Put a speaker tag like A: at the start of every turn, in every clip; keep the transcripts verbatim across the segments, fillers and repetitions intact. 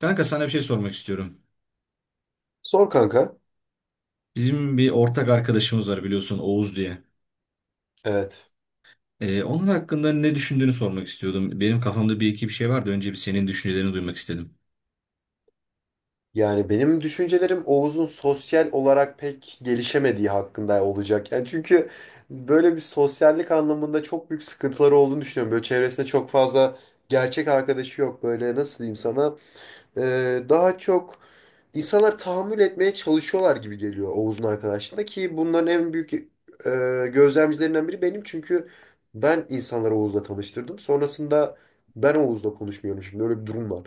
A: Kanka sana bir şey sormak istiyorum.
B: Sor kanka.
A: Bizim bir ortak arkadaşımız var, biliyorsun, Oğuz diye.
B: Evet.
A: Ee, onun hakkında ne düşündüğünü sormak istiyordum. Benim kafamda bir iki bir şey vardı. Önce bir senin düşüncelerini duymak istedim.
B: Yani benim düşüncelerim Oğuz'un sosyal olarak pek gelişemediği hakkında olacak. Yani çünkü böyle bir sosyallik anlamında çok büyük sıkıntıları olduğunu düşünüyorum. Böyle çevresinde çok fazla gerçek arkadaşı yok. Böyle nasıl diyeyim sana? Ee, daha çok insanlar tahammül etmeye çalışıyorlar gibi geliyor Oğuz'un arkadaşlığında ki bunların en büyük e, gözlemcilerinden biri benim. Çünkü ben insanları Oğuz'la tanıştırdım. Sonrasında ben Oğuz'la konuşmuyorum şimdi. Öyle bir durum var.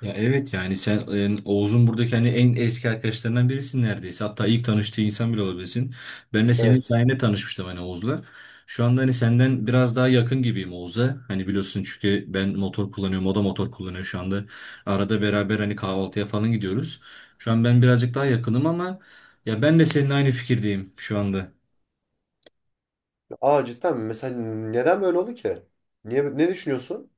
A: Ya evet, yani sen e, Oğuz'un buradaki hani en eski arkadaşlarından birisin neredeyse. Hatta ilk tanıştığı insan bile olabilirsin. Ben de senin
B: Evet.
A: sayende tanışmıştım hani Oğuz'la. Şu anda hani senden biraz daha yakın gibiyim Oğuz'a. Hani biliyorsun, çünkü ben motor kullanıyorum, o da motor kullanıyor şu anda. Arada beraber hani kahvaltıya falan gidiyoruz. Şu an ben birazcık daha yakınım ama ya ben de senin aynı fikirdeyim şu anda.
B: Aa cidden mi? Mesela neden böyle oldu ki? Niye, ne düşünüyorsun?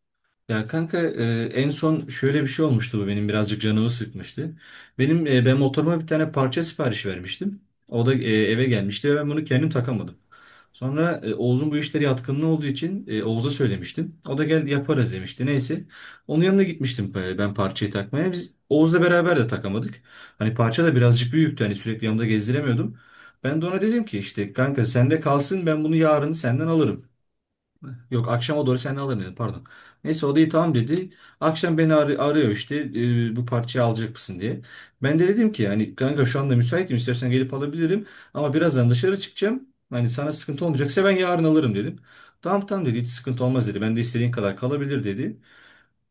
A: Ya kanka, e, en son şöyle bir şey olmuştu, bu benim birazcık canımı sıkmıştı. Benim e, ben motoruma bir tane parça sipariş vermiştim. O da e, eve gelmişti ve ben bunu kendim takamadım. Sonra e, Oğuz'un bu işlere yatkınlığı olduğu için e, Oğuz'a söylemiştim. O da gel yaparız demişti. Neyse. Onun yanına gitmiştim e, ben parçayı takmaya. Biz Oğuz'la beraber de takamadık. Hani parça da birazcık büyüktü. Hani sürekli yanımda gezdiremiyordum. Ben de ona dedim ki işte kanka sende kalsın, ben bunu yarın senden alırım. Yok, akşama doğru sen alırım dedim, pardon. Neyse, o da iyi tamam dedi. Akşam beni ar- arıyor işte e, bu parçayı alacak mısın diye. Ben de dedim ki hani kanka şu anda müsaitim, istersen gelip alabilirim. Ama birazdan dışarı çıkacağım. Hani sana sıkıntı olmayacaksa ben yarın alırım dedim. Tamam tamam dedi, hiç sıkıntı olmaz dedi. Ben de istediğin kadar kalabilir dedi.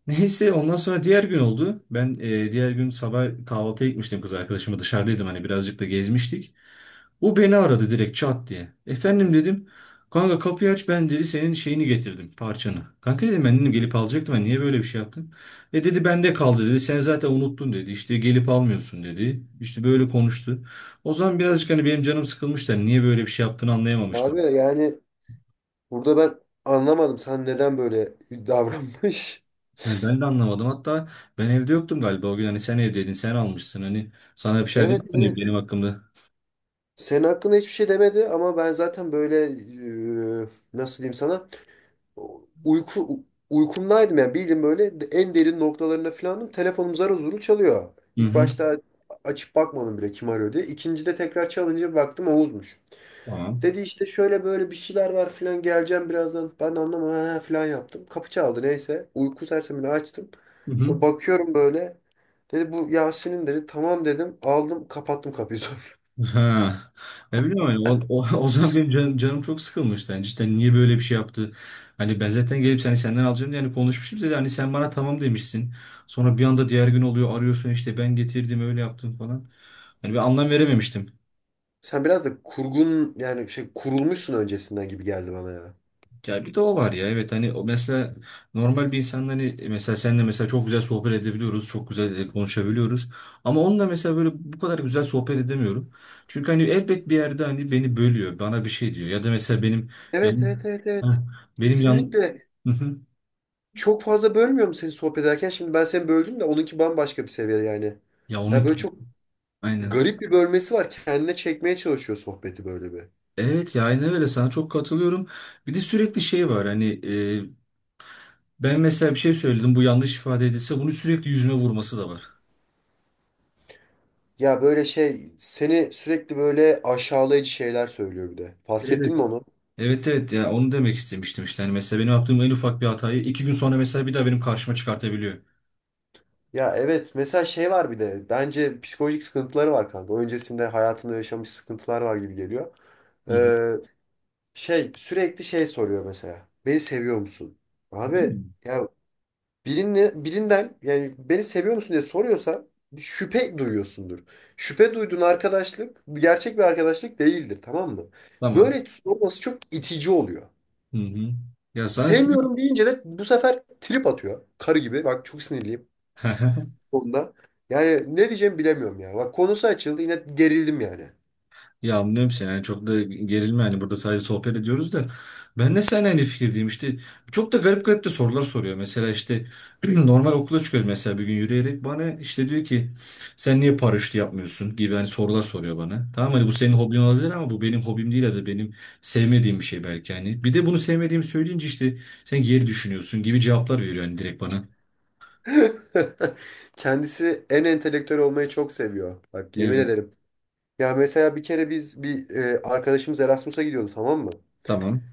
A: Neyse, ondan sonra diğer gün oldu. Ben e, diğer gün sabah kahvaltıya gitmiştim, kız arkadaşımla dışarıdaydım, hani birazcık da gezmiştik. O beni aradı direkt çat diye. Efendim dedim. Kanka kapıyı aç ben dedi, senin şeyini getirdim, parçanı. Kanka dedim, ben dedim gelip alacaktım, ben niye böyle bir şey yaptın? E dedi, bende kaldı dedi, sen zaten unuttun dedi, işte gelip almıyorsun dedi. İşte böyle konuştu. O zaman birazcık hani benim canım sıkılmıştı, hani niye böyle bir şey yaptığını anlayamamıştım.
B: Abi yani burada ben anlamadım sen neden böyle davranmış.
A: Yani ben de anlamadım, hatta ben evde yoktum galiba o gün, hani sen evdeydin, sen almışsın, hani sana bir şey dedim
B: Evet,
A: mi hani
B: evet.
A: benim hakkımda.
B: Senin hakkında hiçbir şey demedi ama ben zaten böyle e, nasıl diyeyim sana uyku uykumdaydım yani bildim böyle en derin noktalarına falanım. Telefonum zar zor çalıyor.
A: Hı
B: İlk
A: hı.
B: başta açıp bakmadım bile kim arıyor diye. İkincide tekrar çalınca bir baktım Oğuz'muş.
A: Tamam.
B: Dedi işte şöyle böyle bir şeyler var filan geleceğim birazdan. Ben de anlamadım "Ha" filan yaptım. Kapı çaldı neyse. Uyku sersemini açtım.
A: Hı hı.
B: Ve bakıyorum böyle. Dedi bu Yasin'in dedi. Tamam dedim. Aldım kapattım kapıyı sonra.
A: Ha. Ne bileyim hani o, o, o zaman benim canım, canım çok sıkılmıştı. Yani cidden niye böyle bir şey yaptı? Hani ben zaten gelip seni senden alacağım diye hani konuşmuştum dedi. Hani sen bana tamam demişsin. Sonra bir anda diğer gün oluyor, arıyorsun işte ben getirdim öyle yaptım falan. Hani ben anlam verememiştim.
B: Sen biraz da kurgun yani şey kurulmuşsun öncesinden gibi geldi bana ya.
A: Ya bir de o var ya, evet, hani o mesela normal bir insanla hani e, mesela senle mesela çok güzel sohbet edebiliyoruz, çok güzel e, konuşabiliyoruz ama onunla mesela böyle bu kadar güzel sohbet edemiyorum çünkü hani elbet bir yerde hani beni bölüyor, bana bir şey diyor, ya da mesela benim
B: Evet,
A: yan
B: evet, evet,
A: Heh,
B: evet.
A: benim yan
B: Kesinlikle.
A: Hı hı.
B: Çok fazla bölmüyorum seni sohbet ederken. Şimdi ben seni böldüm de onunki bambaşka bir seviye yani.
A: ya
B: Yani
A: onun
B: böyle çok
A: aynen
B: garip bir bölmesi var. Kendine çekmeye çalışıyor sohbeti böyle bir.
A: evet ya aynen öyle, sana çok katılıyorum. Bir de sürekli şey var hani e, ben mesela bir şey söyledim, bu yanlış ifade edilse, bunu sürekli yüzüme vurması da var.
B: Ya böyle şey seni sürekli böyle aşağılayıcı şeyler söylüyor bir de. Fark ettin mi
A: Evet.
B: onu?
A: Evet evet, ya onu demek istemiştim işte. Hani mesela benim yaptığım en ufak bir hatayı iki gün sonra mesela bir daha benim karşıma çıkartabiliyor.
B: Ya evet mesela şey var bir de bence psikolojik sıkıntıları var kanka. Öncesinde hayatında yaşamış sıkıntılar var gibi geliyor.
A: Hı hı.
B: Ee, Şey sürekli şey soruyor mesela. Beni seviyor musun?
A: Değil
B: Abi
A: mi?
B: ya birini, birinden yani beni seviyor musun diye soruyorsa şüphe duyuyorsundur. Şüphe duyduğun arkadaşlık gerçek bir arkadaşlık değildir tamam mı?
A: Tamam.
B: Böyle olması çok itici oluyor.
A: Hı hı. Ya sana
B: Sevmiyorum deyince de bu sefer trip atıyor. Karı gibi. Bak çok sinirliyim onda. Yani ne diyeceğimi bilemiyorum ya. Bak konusu açıldı yine gerildim yani.
A: ya anlıyorum seni, yani çok da gerilme, yani burada sadece sohbet ediyoruz da ben de seninle aynı fikirdeyim. İşte çok da garip garip de sorular soruyor mesela, işte normal okula çıkıyoruz mesela bir gün, yürüyerek bana işte diyor ki sen niye paraşütü yapmıyorsun gibi hani sorular soruyor bana. Tamam, hani bu senin hobin olabilir ama bu benim hobim değil, ya da benim sevmediğim bir şey belki. Hani bir de bunu sevmediğimi söyleyince, işte sen geri düşünüyorsun gibi cevaplar veriyor yani direkt bana.
B: Kendisi en entelektüel olmayı çok seviyor. Bak yemin
A: Evet.
B: ederim. Ya mesela bir kere biz bir e, arkadaşımız Erasmus'a gidiyordu tamam mı?
A: Tamam.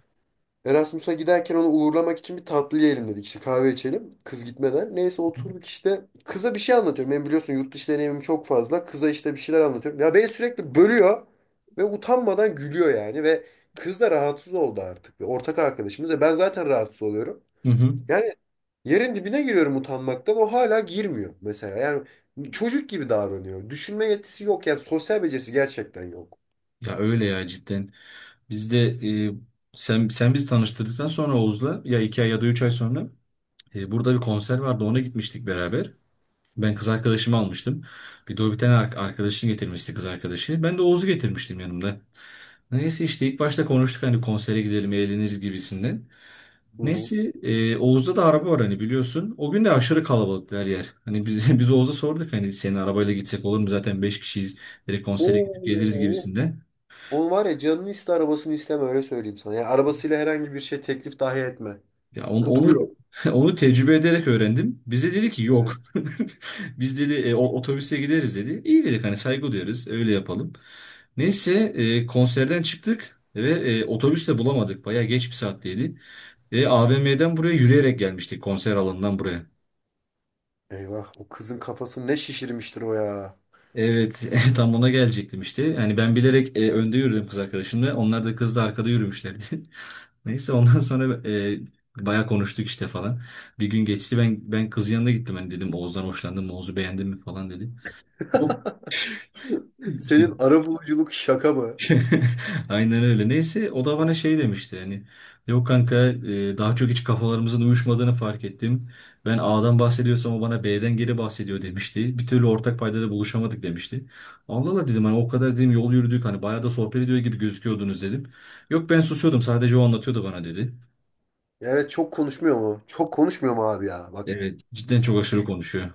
B: Erasmus'a giderken onu uğurlamak için bir tatlı yiyelim dedik. İşte kahve içelim. Kız gitmeden. Neyse oturduk işte. Kıza bir şey anlatıyorum. Ben biliyorsun yurt dışı deneyimim çok fazla. Kıza işte bir şeyler anlatıyorum. Ya beni sürekli bölüyor. Ve utanmadan gülüyor yani. Ve kız da rahatsız oldu artık. Ve ortak arkadaşımız. Ve ben zaten rahatsız oluyorum.
A: Hı hı.
B: Yani yerin dibine giriyorum utanmaktan. O hala girmiyor mesela. Yani çocuk gibi davranıyor. Düşünme yetisi yok. Yani sosyal becerisi gerçekten yok.
A: Ya öyle, ya cidden. Biz de e, sen sen biz tanıştırdıktan sonra Oğuz'la ya iki ay ya da üç ay sonra e, burada bir konser vardı, ona gitmiştik beraber. Ben kız arkadaşımı almıştım. Bir de o bir tane ar- arkadaşını getirmişti, kız arkadaşı. Ben de Oğuz'u getirmiştim yanımda. Neyse işte ilk başta konuştuk hani konsere gidelim eğleniriz gibisinden.
B: Hı hı.
A: Neyse e, Oğuz'da da araba var hani, biliyorsun. O gün de aşırı kalabalıktı her yer. Hani biz, biz Oğuz'a sorduk hani senin arabayla gitsek olur mu, zaten beş kişiyiz. Direkt konsere gidip geliriz
B: Oo.
A: gibisinden.
B: Onu var ya canını iste arabasını isteme öyle söyleyeyim sana. Yani arabasıyla herhangi bir şey teklif dahi etme.
A: Ya on- onu
B: Kuduruyor.
A: onu tecrübe ederek öğrendim. Bize dedi ki yok.
B: Evet.
A: Biz dedi e, o- otobüse gideriz dedi. İyi dedik, hani saygı duyarız, öyle yapalım. Neyse e, konserden çıktık ve e, otobüs de bulamadık. Bayağı geç bir saatteydi. Ve A V M'den buraya yürüyerek gelmiştik, konser alanından buraya.
B: Eyvah o kızın kafasını ne şişirmiştir o ya.
A: Evet tam ona gelecektim işte. Yani ben bilerek e, önde yürüdüm kız arkadaşımla. Onlar da kızla arkada yürümüşlerdi. Neyse ondan sonra e, bayağı konuştuk işte falan. Bir gün geçti, ben ben kızın yanına gittim. Hani dedim Oğuz'dan hoşlandın mı? Oğuz'u beğendin mi falan dedi. Yok işte
B: Senin arabuluculuk şaka mı?
A: aynen öyle. Neyse o da bana şey demişti, hani yok kanka, e, daha çok hiç kafalarımızın uyuşmadığını fark ettim. Ben A'dan bahsediyorsam o bana B'den geri bahsediyor demişti. Bir türlü ortak paydada buluşamadık demişti. Allah Allah dedim, hani o kadar dedim yol yürüdük, hani bayağı da sohbet ediyor gibi gözüküyordunuz dedim. Yok, ben susuyordum, sadece o anlatıyordu bana dedi.
B: Evet çok konuşmuyor mu? Çok konuşmuyor mu abi ya? Bak
A: Evet, cidden çok aşırı konuşuyor.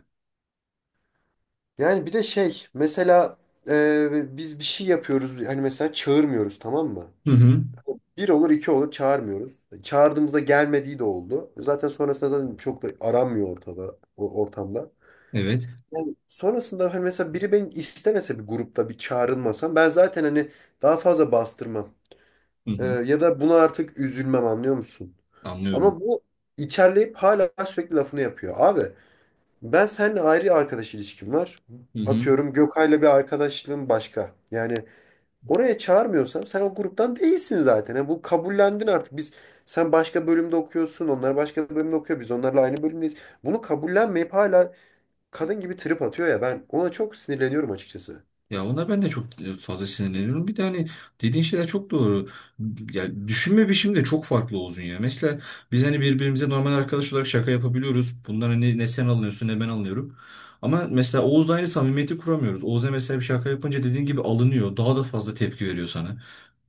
B: yani bir de şey mesela e, biz bir şey yapıyoruz hani mesela çağırmıyoruz tamam mı?
A: Hı hı.
B: Bir olur iki olur çağırmıyoruz. Çağırdığımızda gelmediği de oldu. Zaten sonrasında zaten çok da aranmıyor ortada o ortamda.
A: Evet.
B: Yani sonrasında hani mesela biri benim istemese bir grupta bir çağrılmasam ben zaten hani daha fazla bastırmam.
A: Hı
B: Ee,
A: hı.
B: ya da buna artık üzülmem anlıyor musun?
A: Anlıyorum.
B: Ama bu içerleyip hala sürekli lafını yapıyor. Abi ben seninle ayrı arkadaş ilişkim var. Atıyorum Gökay'la bir arkadaşlığım başka. Yani oraya çağırmıyorsam sen o gruptan değilsin zaten. Yani bu kabullendin artık. Biz sen başka bölümde okuyorsun, onlar başka bölümde okuyor. Biz onlarla aynı bölümdeyiz. Bunu kabullenmeyip hala kadın gibi trip atıyor ya ben ona çok sinirleniyorum açıkçası.
A: Ya ona ben de çok e, fazla sinirleniyorum. Bir de hani dediğin şeyler çok doğru. Ya düşünme biçimi de çok farklı Oğuz'un ya. Mesela biz hani birbirimize normal arkadaş olarak şaka yapabiliyoruz. Bundan hani ne sen alınıyorsun ne ben alınıyorum. Ama mesela Oğuz'la aynı samimiyeti kuramıyoruz. Oğuz'a mesela bir şaka yapınca dediğin gibi alınıyor. Daha da fazla tepki veriyor sana.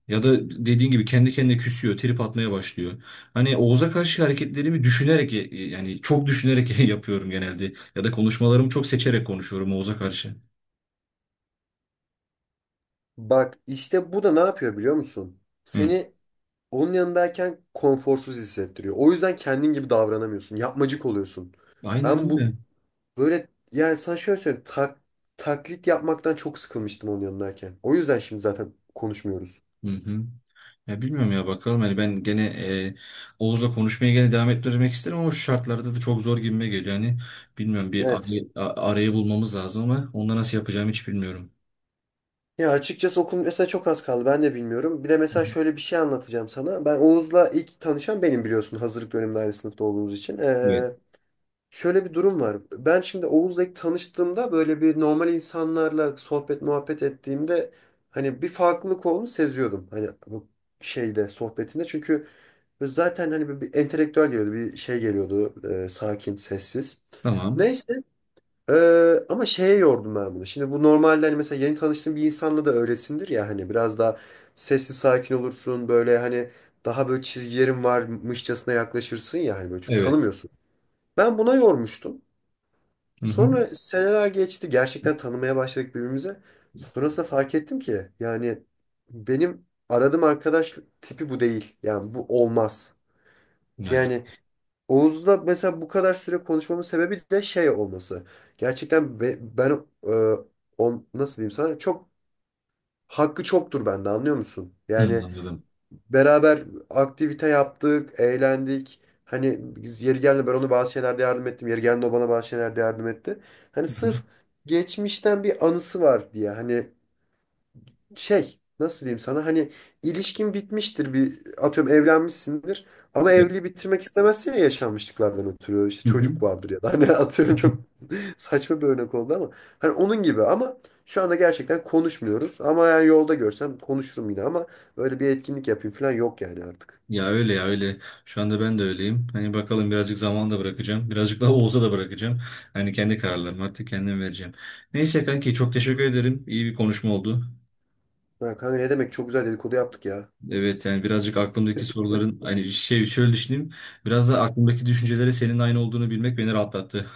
A: Ya da dediğin gibi kendi kendine küsüyor, trip atmaya başlıyor. Hani Oğuz'a karşı hareketlerimi düşünerek e, e, yani çok düşünerek yapıyorum genelde. Ya da konuşmalarımı çok seçerek konuşuyorum Oğuz'a karşı.
B: Bak işte bu da ne yapıyor biliyor musun?
A: Hı.
B: Seni onun yanındayken konforsuz hissettiriyor. O yüzden kendin gibi davranamıyorsun. Yapmacık oluyorsun.
A: Aynen
B: Ben bu
A: öyle.
B: böyle yani sana şöyle söyleyeyim. Tak- taklit yapmaktan çok sıkılmıştım onun yanındayken. O yüzden şimdi zaten konuşmuyoruz.
A: Hı hı. Ya bilmiyorum ya, bakalım, hani ben gene e, Oğuz'la konuşmaya gene devam ettirmek isterim ama şu şartlarda da çok zor gibime geliyor. Yani bilmiyorum, bir
B: Evet.
A: arayı, a- arayı bulmamız lazım ama onda nasıl yapacağımı hiç bilmiyorum.
B: Ya açıkçası okul mesela çok az kaldı. Ben de bilmiyorum. Bir de
A: Hı
B: mesela
A: hı.
B: şöyle bir şey anlatacağım sana. Ben Oğuz'la ilk tanışan benim biliyorsun hazırlık döneminde aynı sınıfta olduğumuz için.
A: Evet.
B: Ee, Şöyle bir durum var. Ben şimdi Oğuz'la ilk tanıştığımda böyle bir normal insanlarla sohbet muhabbet ettiğimde hani bir farklılık olduğunu seziyordum. Hani bu şeyde sohbetinde. Çünkü zaten hani bir, bir entelektüel geliyordu. Bir şey geliyordu. E, sakin, sessiz.
A: Tamam.
B: Neyse. e, Ama şeye yordum ben bunu. Şimdi bu normalde hani mesela yeni tanıştığın bir insanla da öylesindir ya hani biraz daha sessiz sakin olursun. Böyle hani daha böyle çizgilerin varmışçasına yaklaşırsın ya hani böyle çünkü
A: Evet.
B: tanımıyorsun. Ben buna yormuştum.
A: Hı hı.
B: Sonra seneler geçti. Gerçekten tanımaya başladık birbirimize. Sonrasında fark ettim ki yani benim aradığım arkadaşlık tipi bu değil. Yani bu olmaz.
A: Ya, c-
B: Yani Oğuz'la mesela bu kadar süre konuşmamın sebebi de şey olması. Gerçekten be- ben e, on, nasıl diyeyim sana çok hakkı çoktur bende anlıyor musun?
A: hı,
B: Yani
A: anladım.
B: beraber aktivite yaptık, eğlendik. Hani biz yeri geldi ben ona bazı şeylerde yardım ettim. Yeri geldi o bana bazı şeylerde yardım etti. Hani
A: Hı hı.
B: sırf geçmişten bir anısı var diye. Hani şey nasıl diyeyim sana hani ilişkin bitmiştir bir atıyorum evlenmişsindir ama
A: Evet.
B: evliliği bitirmek istemezsin ya yaşanmışlıklardan ötürü işte
A: Hı hı.
B: çocuk vardır ya da hani
A: Hı
B: atıyorum
A: hı.
B: çok saçma bir örnek oldu ama hani onun gibi ama şu anda gerçekten konuşmuyoruz ama eğer yolda görsem konuşurum yine ama böyle bir etkinlik yapayım falan yok yani artık.
A: Ya öyle, ya öyle. Şu anda ben de öyleyim. Hani bakalım, birazcık zaman da bırakacağım. Birazcık daha Oğuz'a da bırakacağım. Hani kendi kararlarımı artık kendim vereceğim. Neyse kanki, çok teşekkür ederim. İyi bir konuşma oldu.
B: Ha, kanka ne demek çok güzel dedikodu yaptık ya.
A: Evet, yani birazcık aklımdaki soruların hani şey, şöyle düşüneyim. Biraz da aklımdaki düşüncelere senin aynı olduğunu bilmek beni rahatlattı.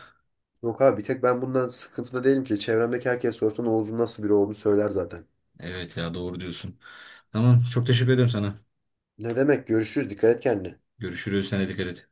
B: Yok abi bir tek ben bundan sıkıntıda değilim ki çevremdeki herkes sorsa Oğuz'un nasıl biri olduğunu söyler zaten.
A: Evet, ya doğru diyorsun. Tamam, çok teşekkür ederim sana.
B: Ne demek görüşürüz dikkat et kendine.
A: Görüşürüz. Sen de dikkat et.